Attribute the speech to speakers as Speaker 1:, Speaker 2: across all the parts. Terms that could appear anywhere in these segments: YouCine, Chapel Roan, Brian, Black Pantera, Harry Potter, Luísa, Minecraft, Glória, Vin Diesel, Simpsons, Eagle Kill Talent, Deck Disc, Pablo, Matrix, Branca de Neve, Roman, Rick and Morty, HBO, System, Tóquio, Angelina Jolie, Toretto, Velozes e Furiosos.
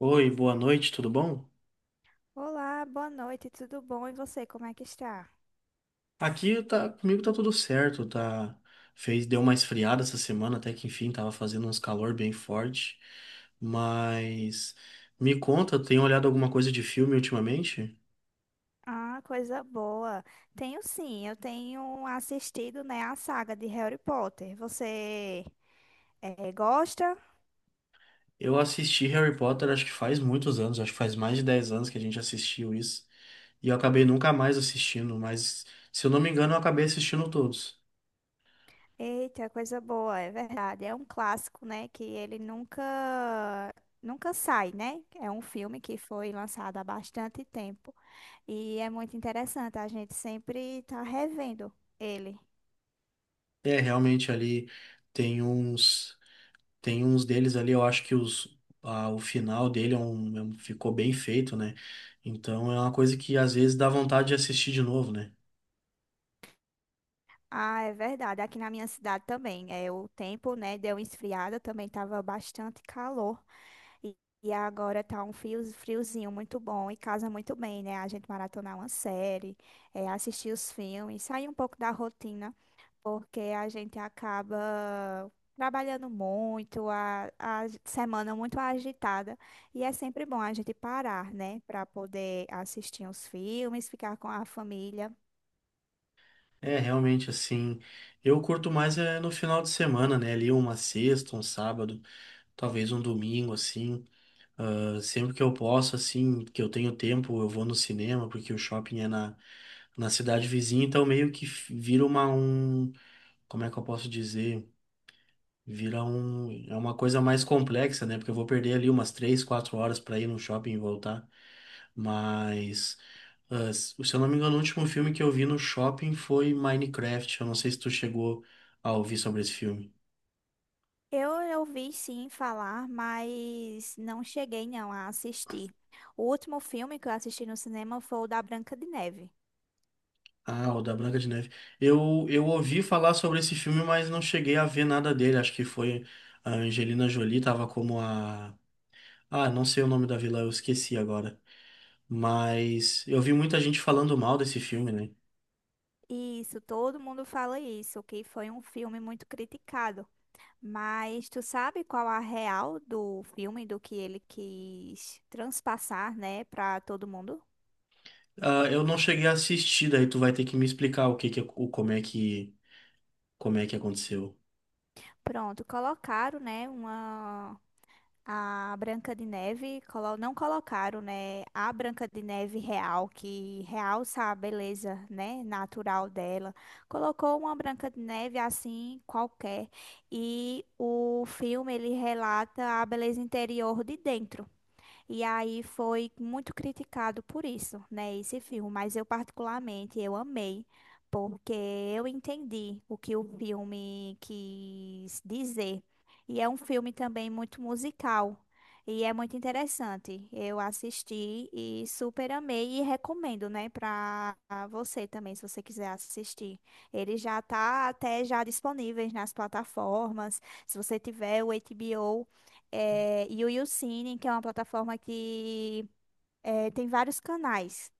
Speaker 1: Oi, boa noite, tudo bom?
Speaker 2: Olá, boa noite, tudo bom? E você, como é que está?
Speaker 1: Aqui tá, comigo tá tudo certo, tá, deu uma esfriada essa semana, até que enfim, tava fazendo uns calor bem forte, mas me conta, tem olhado alguma coisa de filme ultimamente?
Speaker 2: Ah, coisa boa. Tenho sim, eu tenho assistido, né, a saga de Harry Potter. Você gosta?
Speaker 1: Eu assisti Harry Potter, acho que faz muitos anos, acho que faz mais de 10 anos que a gente assistiu isso, e eu acabei nunca mais assistindo, mas se eu não me engano, eu acabei assistindo todos.
Speaker 2: Eita, coisa boa, é verdade. É um clássico, né, que ele nunca sai, né? É um filme que foi lançado há bastante tempo e é muito interessante. A gente sempre está revendo ele.
Speaker 1: É, realmente ali tem uns. Tem uns deles ali, eu acho que os, o final dele ficou bem feito, né? Então é uma coisa que às vezes dá vontade de assistir de novo, né?
Speaker 2: Ah, é verdade. Aqui na minha cidade também. É, o tempo, né, deu uma esfriada, também tava bastante calor. E, e agora tá um frio, friozinho muito bom e casa muito bem, né? A gente maratonar uma série, é, assistir os filmes, sair um pouco da rotina, porque a gente acaba trabalhando muito, a semana muito agitada. E é sempre bom a gente parar, né, para poder assistir os filmes, ficar com a família.
Speaker 1: É realmente assim. Eu curto mais é no final de semana, né? Ali uma sexta, um sábado, talvez um domingo, assim. Ah, sempre que eu posso, assim, que eu tenho tempo, eu vou no cinema, porque o shopping é na cidade vizinha, então meio que vira como é que eu posso dizer? É uma coisa mais complexa, né? Porque eu vou perder ali umas 3, 4 horas para ir no shopping e voltar. Mas, se eu não me engano, o último filme que eu vi no shopping foi Minecraft. Eu não sei se tu chegou a ouvir sobre esse filme.
Speaker 2: Eu ouvi sim falar, mas não cheguei não a assistir. O último filme que eu assisti no cinema foi o da Branca de Neve.
Speaker 1: Ah, o da Branca de Neve. Eu ouvi falar sobre esse filme, mas não cheguei a ver nada dele. Acho que foi a Angelina Jolie, tava como a. Ah, não sei o nome da vilã, eu esqueci agora. Mas eu vi muita gente falando mal desse filme, né?
Speaker 2: Isso, todo mundo fala isso, que foi um filme muito criticado. Mas tu sabe qual a real do filme, do que ele quis transpassar, né, para todo mundo?
Speaker 1: Ah, eu não cheguei a assistir, daí tu vai ter que me explicar o que que, o, como é que aconteceu.
Speaker 2: Pronto, colocaram, né, uma A Branca de Neve, não colocaram, né, a Branca de Neve real, que realça a beleza, né, natural dela. Colocou uma Branca de Neve assim, qualquer, e o filme ele relata a beleza interior de dentro. E aí foi muito criticado por isso, né, esse filme, mas eu particularmente eu amei, porque eu entendi o que o filme quis dizer. E é um filme também muito musical. E é muito interessante. Eu assisti e super amei e recomendo, né, para você também, se você quiser assistir. Ele já tá até já disponíveis nas plataformas. Se você tiver o HBO, é, e o YouCine, que é uma plataforma que é, tem vários canais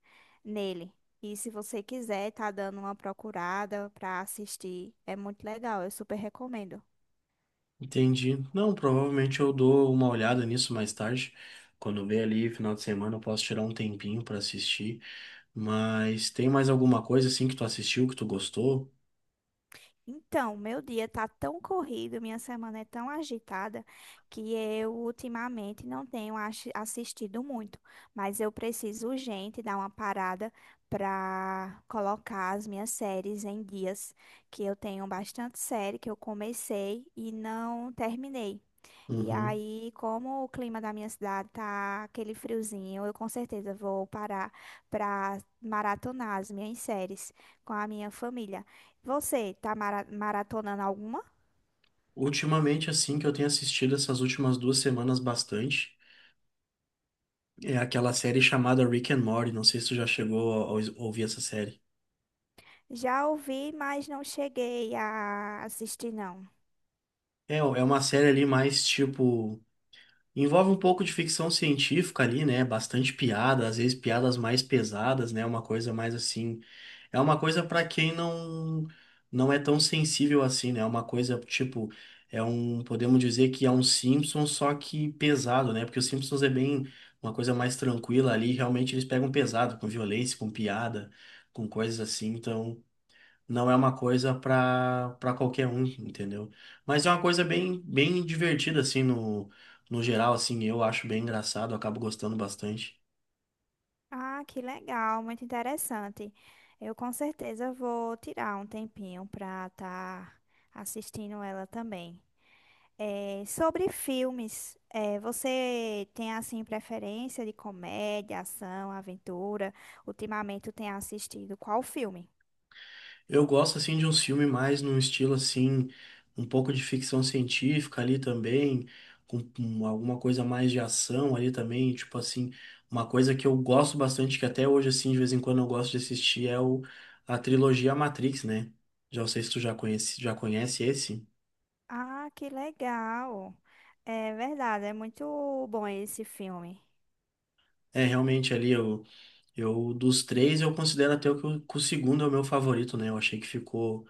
Speaker 2: nele. E se você quiser, tá dando uma procurada pra assistir. É muito legal, eu super recomendo.
Speaker 1: Entendi. Não, provavelmente eu dou uma olhada nisso mais tarde. Quando vier ali final de semana, eu posso tirar um tempinho pra assistir. Mas tem mais alguma coisa assim que tu assistiu, que tu gostou?
Speaker 2: Então, meu dia tá tão corrido, minha semana é tão agitada que eu ultimamente não tenho assistido muito, mas eu preciso urgente dar uma parada para colocar as minhas séries em dias, que eu tenho bastante série que eu comecei e não terminei. E
Speaker 1: Uhum.
Speaker 2: aí, como o clima da minha cidade tá aquele friozinho, eu com certeza vou parar para maratonar as minhas séries com a minha família. Você tá maratonando alguma?
Speaker 1: Ultimamente, assim, que eu tenho assistido essas últimas 2 semanas bastante, é aquela série chamada Rick and Morty. Não sei se tu já chegou a ouvir essa série.
Speaker 2: Já ouvi, mas não cheguei a assistir, não.
Speaker 1: É uma série ali mais tipo. Envolve um pouco de ficção científica ali, né? Bastante piada, às vezes piadas mais pesadas, né? Uma coisa mais assim. É uma coisa para quem não é tão sensível assim, né? É uma coisa tipo podemos dizer que é um Simpsons só que pesado, né? Porque o Simpsons é bem uma coisa mais tranquila ali, realmente eles pegam pesado com violência, com piada, com coisas assim. Então, não é uma coisa para qualquer um, entendeu? Mas é uma coisa bem bem divertida assim no geral assim, eu acho bem engraçado, eu acabo gostando bastante.
Speaker 2: Ah, que legal, muito interessante. Eu com certeza vou tirar um tempinho para estar assistindo ela também. É, sobre filmes, é, você tem assim preferência de comédia, ação, aventura? Ultimamente tu tem assistido qual filme?
Speaker 1: Eu gosto assim de um filme mais num estilo assim, um pouco de ficção científica ali também, com alguma coisa mais de ação ali também, tipo assim, uma coisa que eu gosto bastante que até hoje assim de vez em quando eu gosto de assistir é o a trilogia Matrix, né? Já não sei se tu já conhece esse.
Speaker 2: Ah, que legal! É verdade, é muito bom esse filme.
Speaker 1: É realmente ali o dos três, eu considero até o que o segundo é o meu favorito, né? Eu achei que ficou,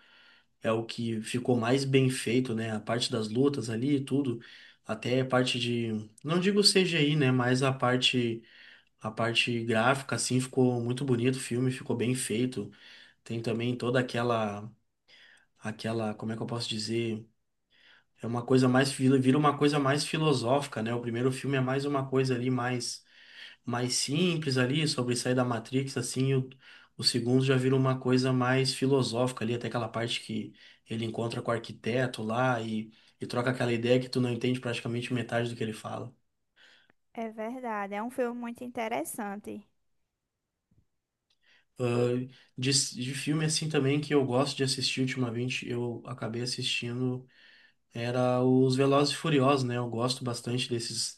Speaker 1: é o que ficou mais bem feito, né? A parte das lutas ali e tudo, até a parte de, não digo CGI, né? Mas a parte gráfica, assim, ficou muito bonito o filme, ficou bem feito. Tem também toda como é que eu posso dizer? É uma coisa mais, filo- Vira uma coisa mais filosófica, né? O primeiro filme é mais uma coisa ali mais simples ali, sobre sair da Matrix, assim, o segundo já vira uma coisa mais filosófica ali, até aquela parte que ele encontra com o arquiteto lá e troca aquela ideia que tu não entende praticamente metade do que ele fala.
Speaker 2: É verdade, é um filme muito interessante.
Speaker 1: Ah, de filme assim também que eu gosto de assistir ultimamente, eu acabei assistindo, era os Velozes e Furiosos, né? Eu gosto bastante desses,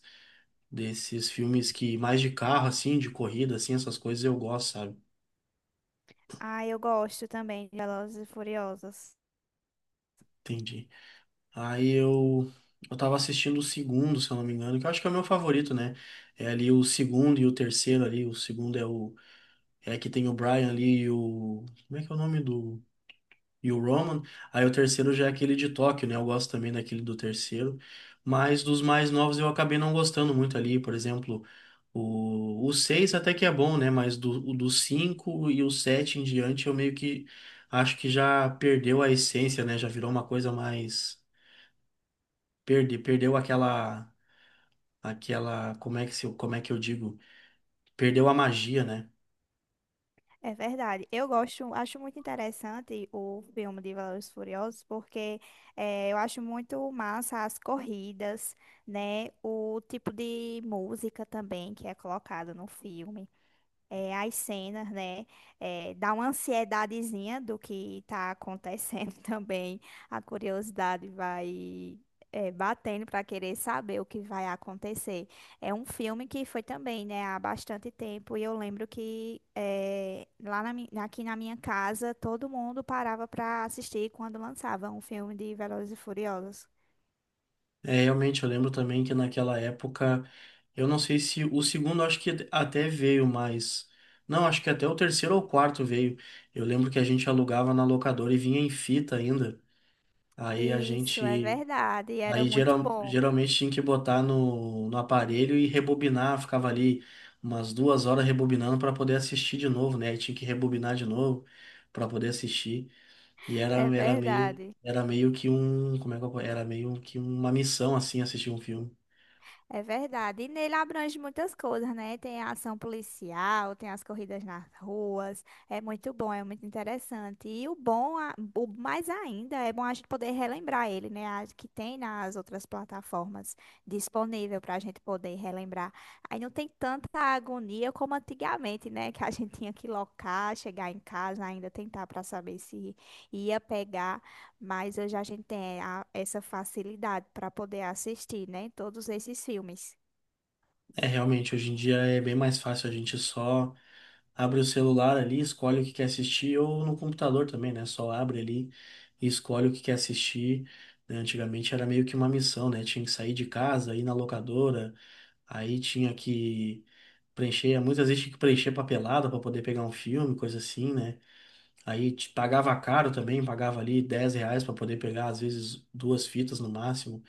Speaker 1: desses filmes que mais de carro, assim, de corrida, assim, essas coisas eu gosto, sabe?
Speaker 2: Ah, eu gosto também de Velozes e Furiosos.
Speaker 1: Entendi. Aí eu tava assistindo o segundo, se eu não me engano, que eu acho que é o meu favorito, né? É ali o segundo e o terceiro ali. O segundo é o. É que tem o Brian ali e o. Como é que é o nome do. E o Roman. Aí o terceiro já é aquele de Tóquio, né? Eu gosto também daquele do terceiro. Mas dos mais novos eu acabei não gostando muito ali. Por exemplo, o 6 até que é bom, né? Mas o do 5 e o 7 em diante eu meio que acho que já perdeu a essência, né? Já virou uma coisa mais perdeu como é que se, como é que eu digo? Perdeu a magia, né?
Speaker 2: É verdade. Eu gosto, acho muito interessante o filme de Velozes e Furiosos porque eu acho muito massa as corridas, né? O tipo de música também que é colocada no filme é, as cenas, né? É, dá uma ansiedadezinha do que tá acontecendo também. A curiosidade vai é, batendo para querer saber o que vai acontecer. É um filme que foi também, né, há bastante tempo. E eu lembro que é, lá na, aqui na minha casa todo mundo parava para assistir quando lançava um filme de Velozes e Furiosos.
Speaker 1: É, realmente, eu lembro também que naquela época, eu não sei se o segundo acho que até veio, mas não, acho que até o terceiro ou quarto veio. Eu lembro que a gente alugava na locadora e vinha em fita ainda. Aí a
Speaker 2: Isso é
Speaker 1: gente,
Speaker 2: verdade, e era
Speaker 1: Aí
Speaker 2: muito bom.
Speaker 1: geralmente tinha que botar no aparelho e rebobinar, ficava ali umas 2 horas rebobinando para poder assistir de novo, né? Aí tinha que rebobinar de novo para poder assistir. E era,
Speaker 2: É
Speaker 1: era
Speaker 2: verdade.
Speaker 1: era meio que um, como é que eu, po- era meio que uma missão assim assistir um filme.
Speaker 2: É verdade. E nele abrange muitas coisas, né? Tem a ação policial, tem as corridas nas ruas. É muito bom, é muito interessante. E o bom, a- o mais ainda, é bom a gente poder relembrar ele, né? A- Que tem nas outras plataformas disponível para a gente poder relembrar. Aí não tem tanta agonia como antigamente, né? Que a gente tinha que locar, chegar em casa, ainda tentar para saber se ia pegar. Mas hoje a gente tem a- essa facilidade para poder assistir, né? Todos esses filmes.
Speaker 1: É realmente hoje em dia é bem mais fácil, a gente só abre o celular ali, escolhe o que quer assistir ou no computador também, né? Só abre ali e escolhe o que quer assistir. Né? Antigamente era meio que uma missão, né? Tinha que sair de casa, ir na locadora, aí tinha que muitas vezes tinha que preencher papelada para poder pegar um filme, coisa assim, né? Aí te pagava caro também, pagava ali 10 reais para poder pegar, às vezes, duas fitas no máximo.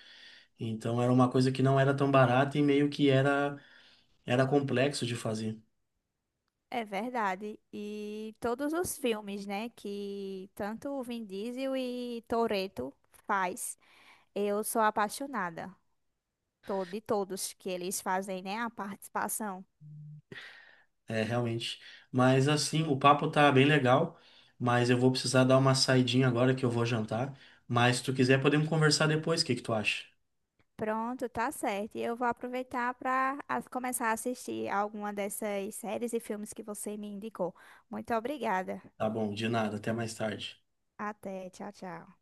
Speaker 1: Então era uma coisa que não era tão barata e meio que era complexo de fazer.
Speaker 2: É verdade. E todos os filmes, né? Que tanto o Vin Diesel e Toretto faz, eu sou apaixonada. To- De todos que eles fazem, né? A participação.
Speaker 1: É, realmente. Mas assim, o papo tá bem legal, mas eu vou precisar dar uma saidinha agora que eu vou jantar. Mas se tu quiser, podemos conversar depois, o que que tu acha?
Speaker 2: Pronto, tá certo. E eu vou aproveitar para começar a assistir alguma dessas séries e filmes que você me indicou. Muito obrigada.
Speaker 1: Tá bom, de nada, até mais tarde.
Speaker 2: Até, tchau, tchau.